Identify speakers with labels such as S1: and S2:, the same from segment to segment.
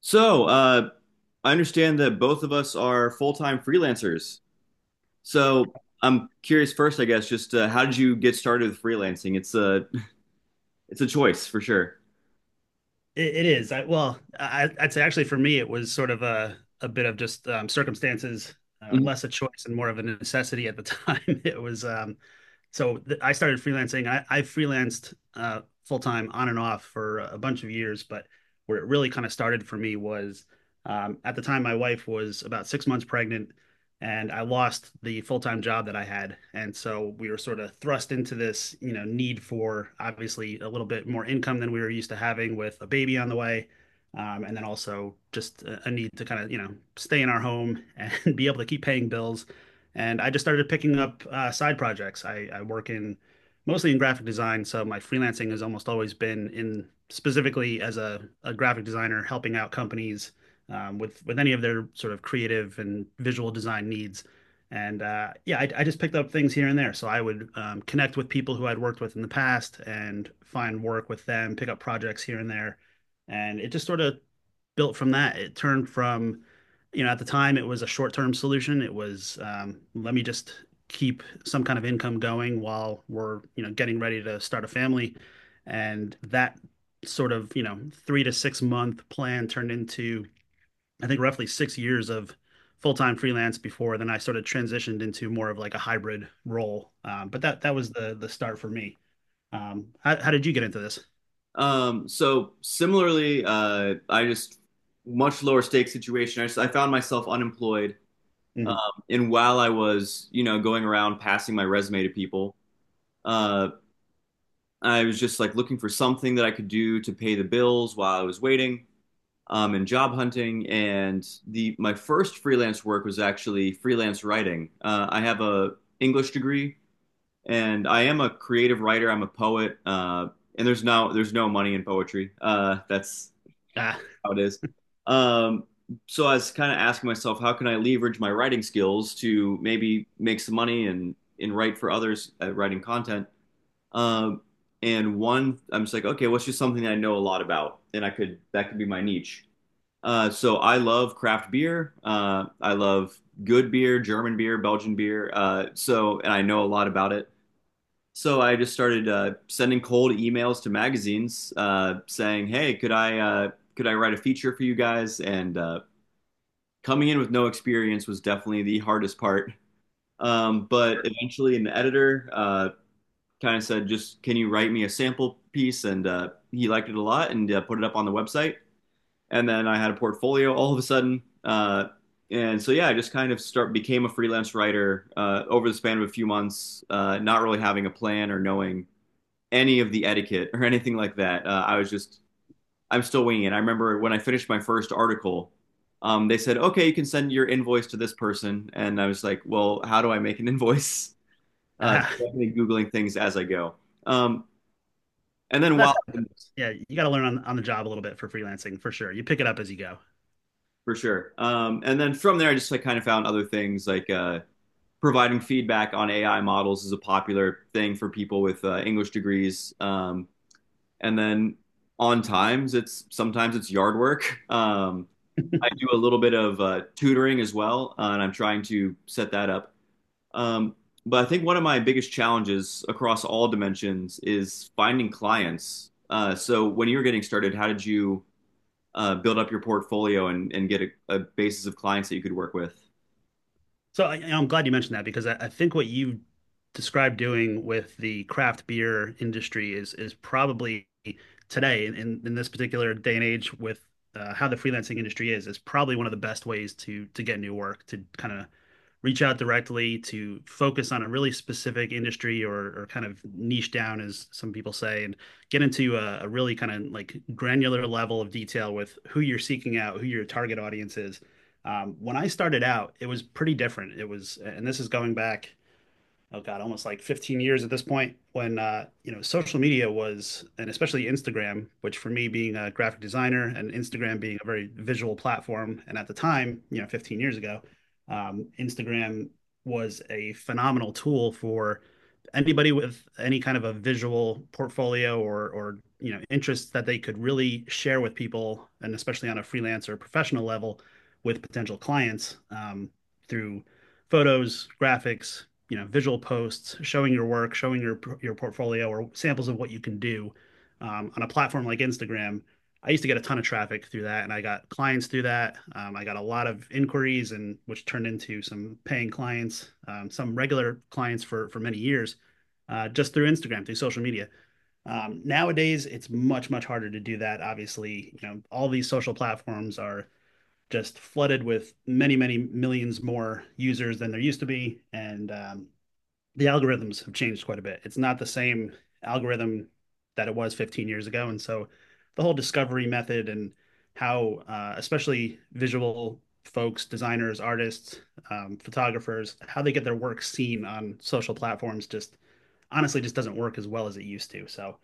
S1: So, uh, I understand that both of us are full-time freelancers. So, I'm curious first, I guess, just how did you get started with freelancing? It's a it's a choice for sure.
S2: It is. I'd say actually for me, it was sort of a bit of just circumstances,
S1: Mhm.
S2: less a choice and more of a necessity at the time. It was I started freelancing. I freelanced full time on and off for a bunch of years, but where it really kind of started for me was at the time my wife was about 6 months pregnant and I lost the full-time job that I had. And so we were sort of thrust into this, you know, need for obviously a little bit more income than we were used to having with a baby on the way. And then also just a need to kind of, you know, stay in our home and be able to keep paying bills. And I just started picking up side projects. I work in mostly in graphic design, so my freelancing has almost always been in specifically as a graphic designer helping out companies with any of their sort of creative and visual design needs. And yeah, I just picked up things here and there. So I would connect with people who I'd worked with in the past and find work with them, pick up projects here and there. And it just sort of built from that. It turned from, you know, at the time it was a short term solution. It was let me just keep some kind of income going while we're, you know, getting ready to start a family. And that sort of, you know, 3 to 6 month plan turned into I think roughly 6 years of full-time freelance before then I sort of transitioned into more of like a hybrid role. But that was the start for me. How did you get into this?
S1: So similarly, I just much lower stakes situation. I found myself unemployed, um,
S2: Mm.
S1: and while I was, you know, going around passing my resume to people, uh, I was just like looking for something that I could do to pay the bills while I was waiting, and job hunting. And the my first freelance work was actually freelance writing. I have a English degree, and I am a creative writer. I'm a poet, and there's no money in poetry. That's
S2: Ah,
S1: how it is. Um, so I was kind of asking myself, how can I leverage my writing skills to maybe make some money and write for others at writing content. Um, and one, I'm just like, okay, what's just something that I know a lot about, and I could that could be my niche. So I love craft beer. I love good beer, German beer, Belgian beer. So, and I know a lot about it. So I just started sending cold emails to magazines saying, "Hey, could I write a feature for you guys?" And Coming in with no experience was definitely the hardest part. But eventually, an editor kind of said, "Just can you write me a sample piece?" And He liked it a lot and put it up on the website, and then I had a portfolio all of a sudden. And so Yeah, I just kind of start became a freelance writer over the span of a few months, not really having a plan or knowing any of the etiquette or anything like that. I was just I'm still winging it. I remember when I finished my first article, they said, "Okay, you can send your invoice to this person," and I was like, "Well, how do I make an invoice?" Uh,
S2: ah.
S1: so definitely googling things as I go. Um, and then
S2: That's.
S1: while
S2: Yeah, you got to learn on the job a little bit for freelancing for sure. You pick it up as you go.
S1: For sure, and then from there, I just like kind of found other things like providing feedback on AI models is a popular thing for people with English degrees. And then On times, it's sometimes it's yard work. I do a little bit of tutoring as well, and I'm trying to set that up. Um, but I think one of my biggest challenges across all dimensions is finding clients. So when you were getting started, how did you build up your portfolio and, get a basis of clients that you could work with?
S2: So I'm glad you mentioned that because I think what you described doing with the craft beer industry is probably today in this particular day and age with how the freelancing industry is probably one of the best ways to get new work to kind of reach out directly to focus on a really specific industry or kind of niche down as some people say and get into a really kind of like granular level of detail with who you're seeking out, who your target audience is. When I started out, it was pretty different. It was, and this is going back oh God, almost like 15 years at this point when you know, social media was, and especially Instagram, which for me being a graphic designer and Instagram being a very visual platform, and at the time, you know, 15 years ago, Instagram was a phenomenal tool for anybody with any kind of a visual portfolio or you know interests that they could really share with people and especially on a freelance or professional level with potential clients, through photos, graphics, you know, visual posts, showing your work, showing your portfolio or samples of what you can do on a platform like Instagram. I used to get a ton of traffic through that, and I got clients through that. I got a lot of inquiries, and which turned into some paying clients, some regular clients for many years, just through Instagram, through social media. Nowadays, it's much harder to do that. Obviously, you know, all these social platforms are just flooded with many millions more users than there used to be, and the algorithms have changed quite a bit. It's not the same algorithm that it was 15 years ago. And so the whole discovery method and how, especially visual folks, designers, artists, photographers, how they get their work seen on social platforms just honestly just doesn't work as well as it used to. So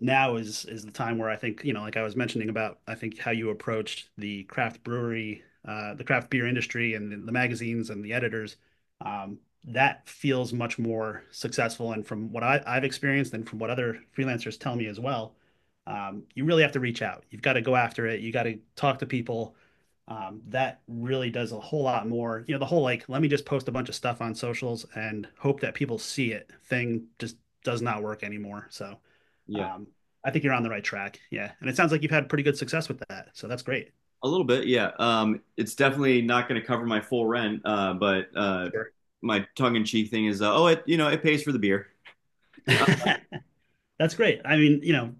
S2: now is the time where I think, you know, like I was mentioning about, I think how you approached the craft brewery, the craft beer industry and the magazines and the editors, um, that feels much more successful. And from what I've experienced and from what other freelancers tell me as well, you really have to reach out. You've got to go after it. You got to talk to people. That really does a whole lot more. You know, the whole like, let me just post a bunch of stuff on socials and hope that people see it thing just does not work anymore. So
S1: Yeah.
S2: um, I think you're on the right track. Yeah, and it sounds like you've had pretty good success with that, so that's great.
S1: A little bit, yeah. It's definitely not going to cover my full rent, but
S2: Sure.
S1: my tongue-in-cheek thing is, oh, it you know it pays for the beer.
S2: That's great. I mean, you know,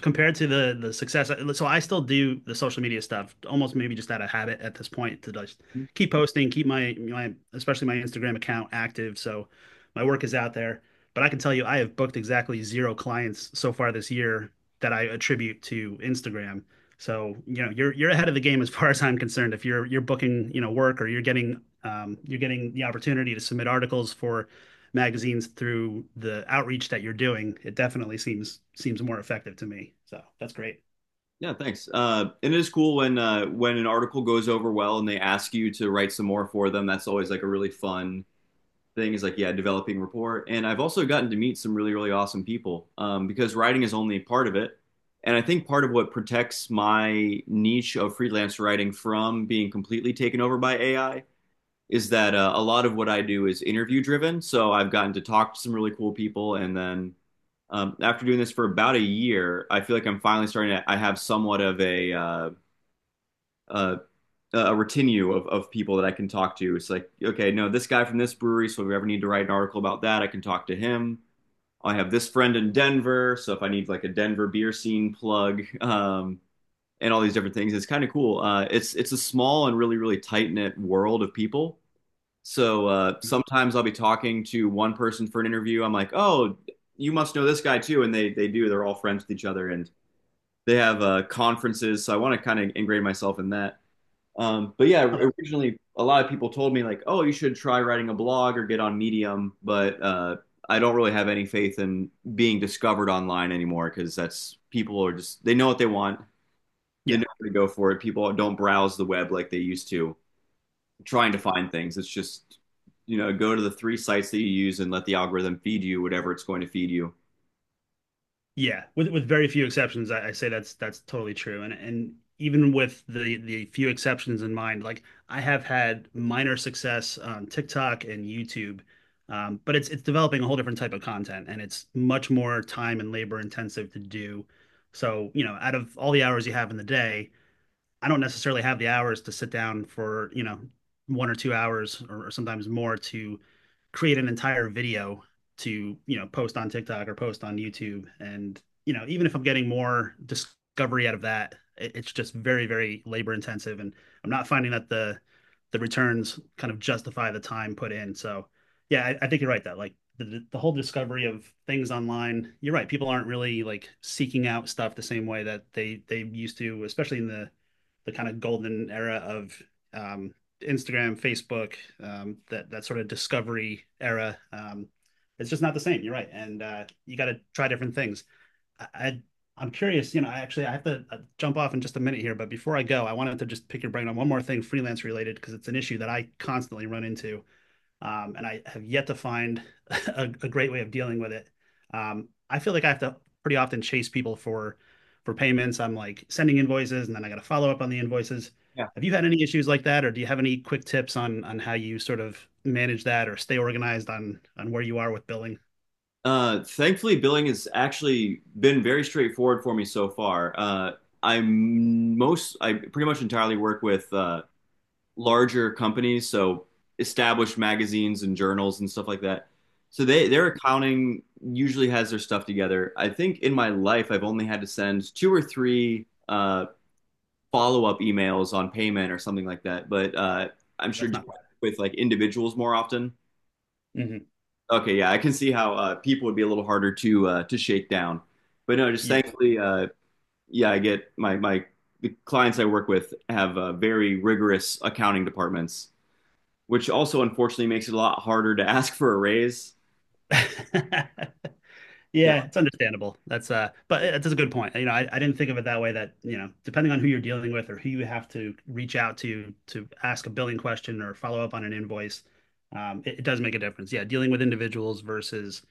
S2: compared to the success, so I still do the social media stuff, almost maybe just out of habit at this point to just
S1: Um,
S2: keep posting, keep my especially my Instagram account active, so my work is out there. But I can tell you, I have booked exactly zero clients so far this year that I attribute to Instagram. So, you know, you're ahead of the game as far as I'm concerned. If you're booking, you know, work or you're getting the opportunity to submit articles for magazines through the outreach that you're doing, it definitely seems seems more effective to me. So that's great.
S1: yeah, thanks. And it is cool when an article goes over well and they ask you to write some more for them. That's always like a really fun thing. Is like yeah, developing rapport. And I've also gotten to meet some really awesome people, because writing is only part of it. And I think part of what protects my niche of freelance writing from being completely taken over by AI is that a lot of what I do is interview driven. So I've gotten to talk to some really cool people, and then after doing this for about a year, I feel like I'm finally starting to. I have somewhat of uh, a retinue of people that I can talk to. It's like, okay, no, this guy from this brewery. So if we ever need to write an article about that, I can talk to him. I have this friend in Denver. So if I need like a Denver beer scene plug, and all these different things, it's kind of cool. It's a small and really tight knit world of people, so sometimes I'll be talking to one person for an interview. I'm like, oh, you must know this guy too, and they do. They're all friends with each other, and they have conferences. So I want to kind of ingrain myself in that. But yeah,
S2: Uh,
S1: originally a lot of people told me like, oh, you should try writing a blog or get on Medium, but I don't really have any faith in being discovered online anymore because that's people are just they know what they want, they
S2: yeah,
S1: know where to go for it. People don't browse the web like they used to trying to find things. It's just, you know, go to the three sites that you use and let the algorithm feed you whatever it's going to feed you.
S2: yeah. With very few exceptions, I say that's totally true. And even with the few exceptions in mind, like I have had minor success on TikTok and YouTube, but it's developing a whole different type of content, and it's much more time and labor intensive to do. So, you know, out of all the hours you have in the day, I don't necessarily have the hours to sit down for, you know, 1 or 2 hours or sometimes more to create an entire video to, you know, post on TikTok or post on YouTube. And, you know, even if I'm getting more discovery out of that, it's just very, very labor intensive. And I'm not finding that the returns kind of justify the time put in. So yeah, I think you're right that like the whole discovery of things online, you're right. People aren't really like seeking out stuff the same way that they used to, especially in the kind of golden era of um, Instagram, Facebook, that that sort of discovery era. It's just not the same. You're right, and you got to try different things. I, I am curious. You know, I actually I have to jump off in just a minute here, but before I go, I wanted to just pick your brain on one more thing freelance related because it's an issue that I constantly run into, and I have yet to find a great way of dealing with it. I feel like I have to pretty often chase people for payments. I'm like sending invoices, and then I got to follow up on the invoices.
S1: Yeah.
S2: Have you had any issues like that, or do you have any quick tips on how you sort of manage that or stay organized on where you are with billing?
S1: Thankfully, billing has actually been very straightforward for me so far. I pretty much entirely work with larger companies, so established magazines and journals and stuff like that. So they their accounting usually has their stuff together. I think in my life I've only had to send two or three follow up emails on payment or something like that. But I'm sure
S2: That's not
S1: with like individuals more often.
S2: right. Hmm.
S1: Okay, yeah, I can see how people would be a little harder to shake down. But no, just
S2: Yeah.
S1: thankfully, yeah, I get my my the clients I work with have very rigorous accounting departments, which also unfortunately makes it a lot harder to ask for a raise. Yeah.
S2: Yeah, it's understandable. That's a good point. You know, I didn't think of it that way that, you know, depending on who you're dealing with or who you have to reach out to ask a billing question or follow up on an invoice, it does make a difference. Yeah, dealing with individuals versus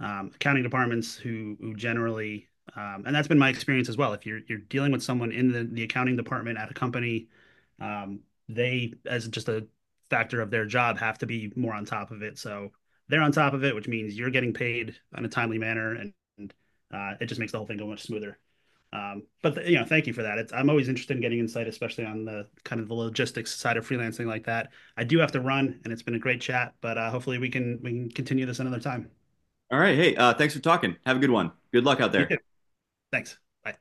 S2: accounting departments who generally, and that's been my experience as well. If you're dealing with someone in the accounting department at a company, um, they, as just a factor of their job, have to be more on top of it. So they're on top of it, which means you're getting paid in a timely manner, and it just makes the whole thing go much smoother. You know, thank you for that. It's, I'm always interested in getting insight, especially on the kind of the logistics side of freelancing like that. I do have to run, and it's been a great chat, but hopefully we can continue this another time.
S1: All right, hey, thanks for talking. Have a good one. Good luck out
S2: You
S1: there.
S2: too. Thanks. Bye.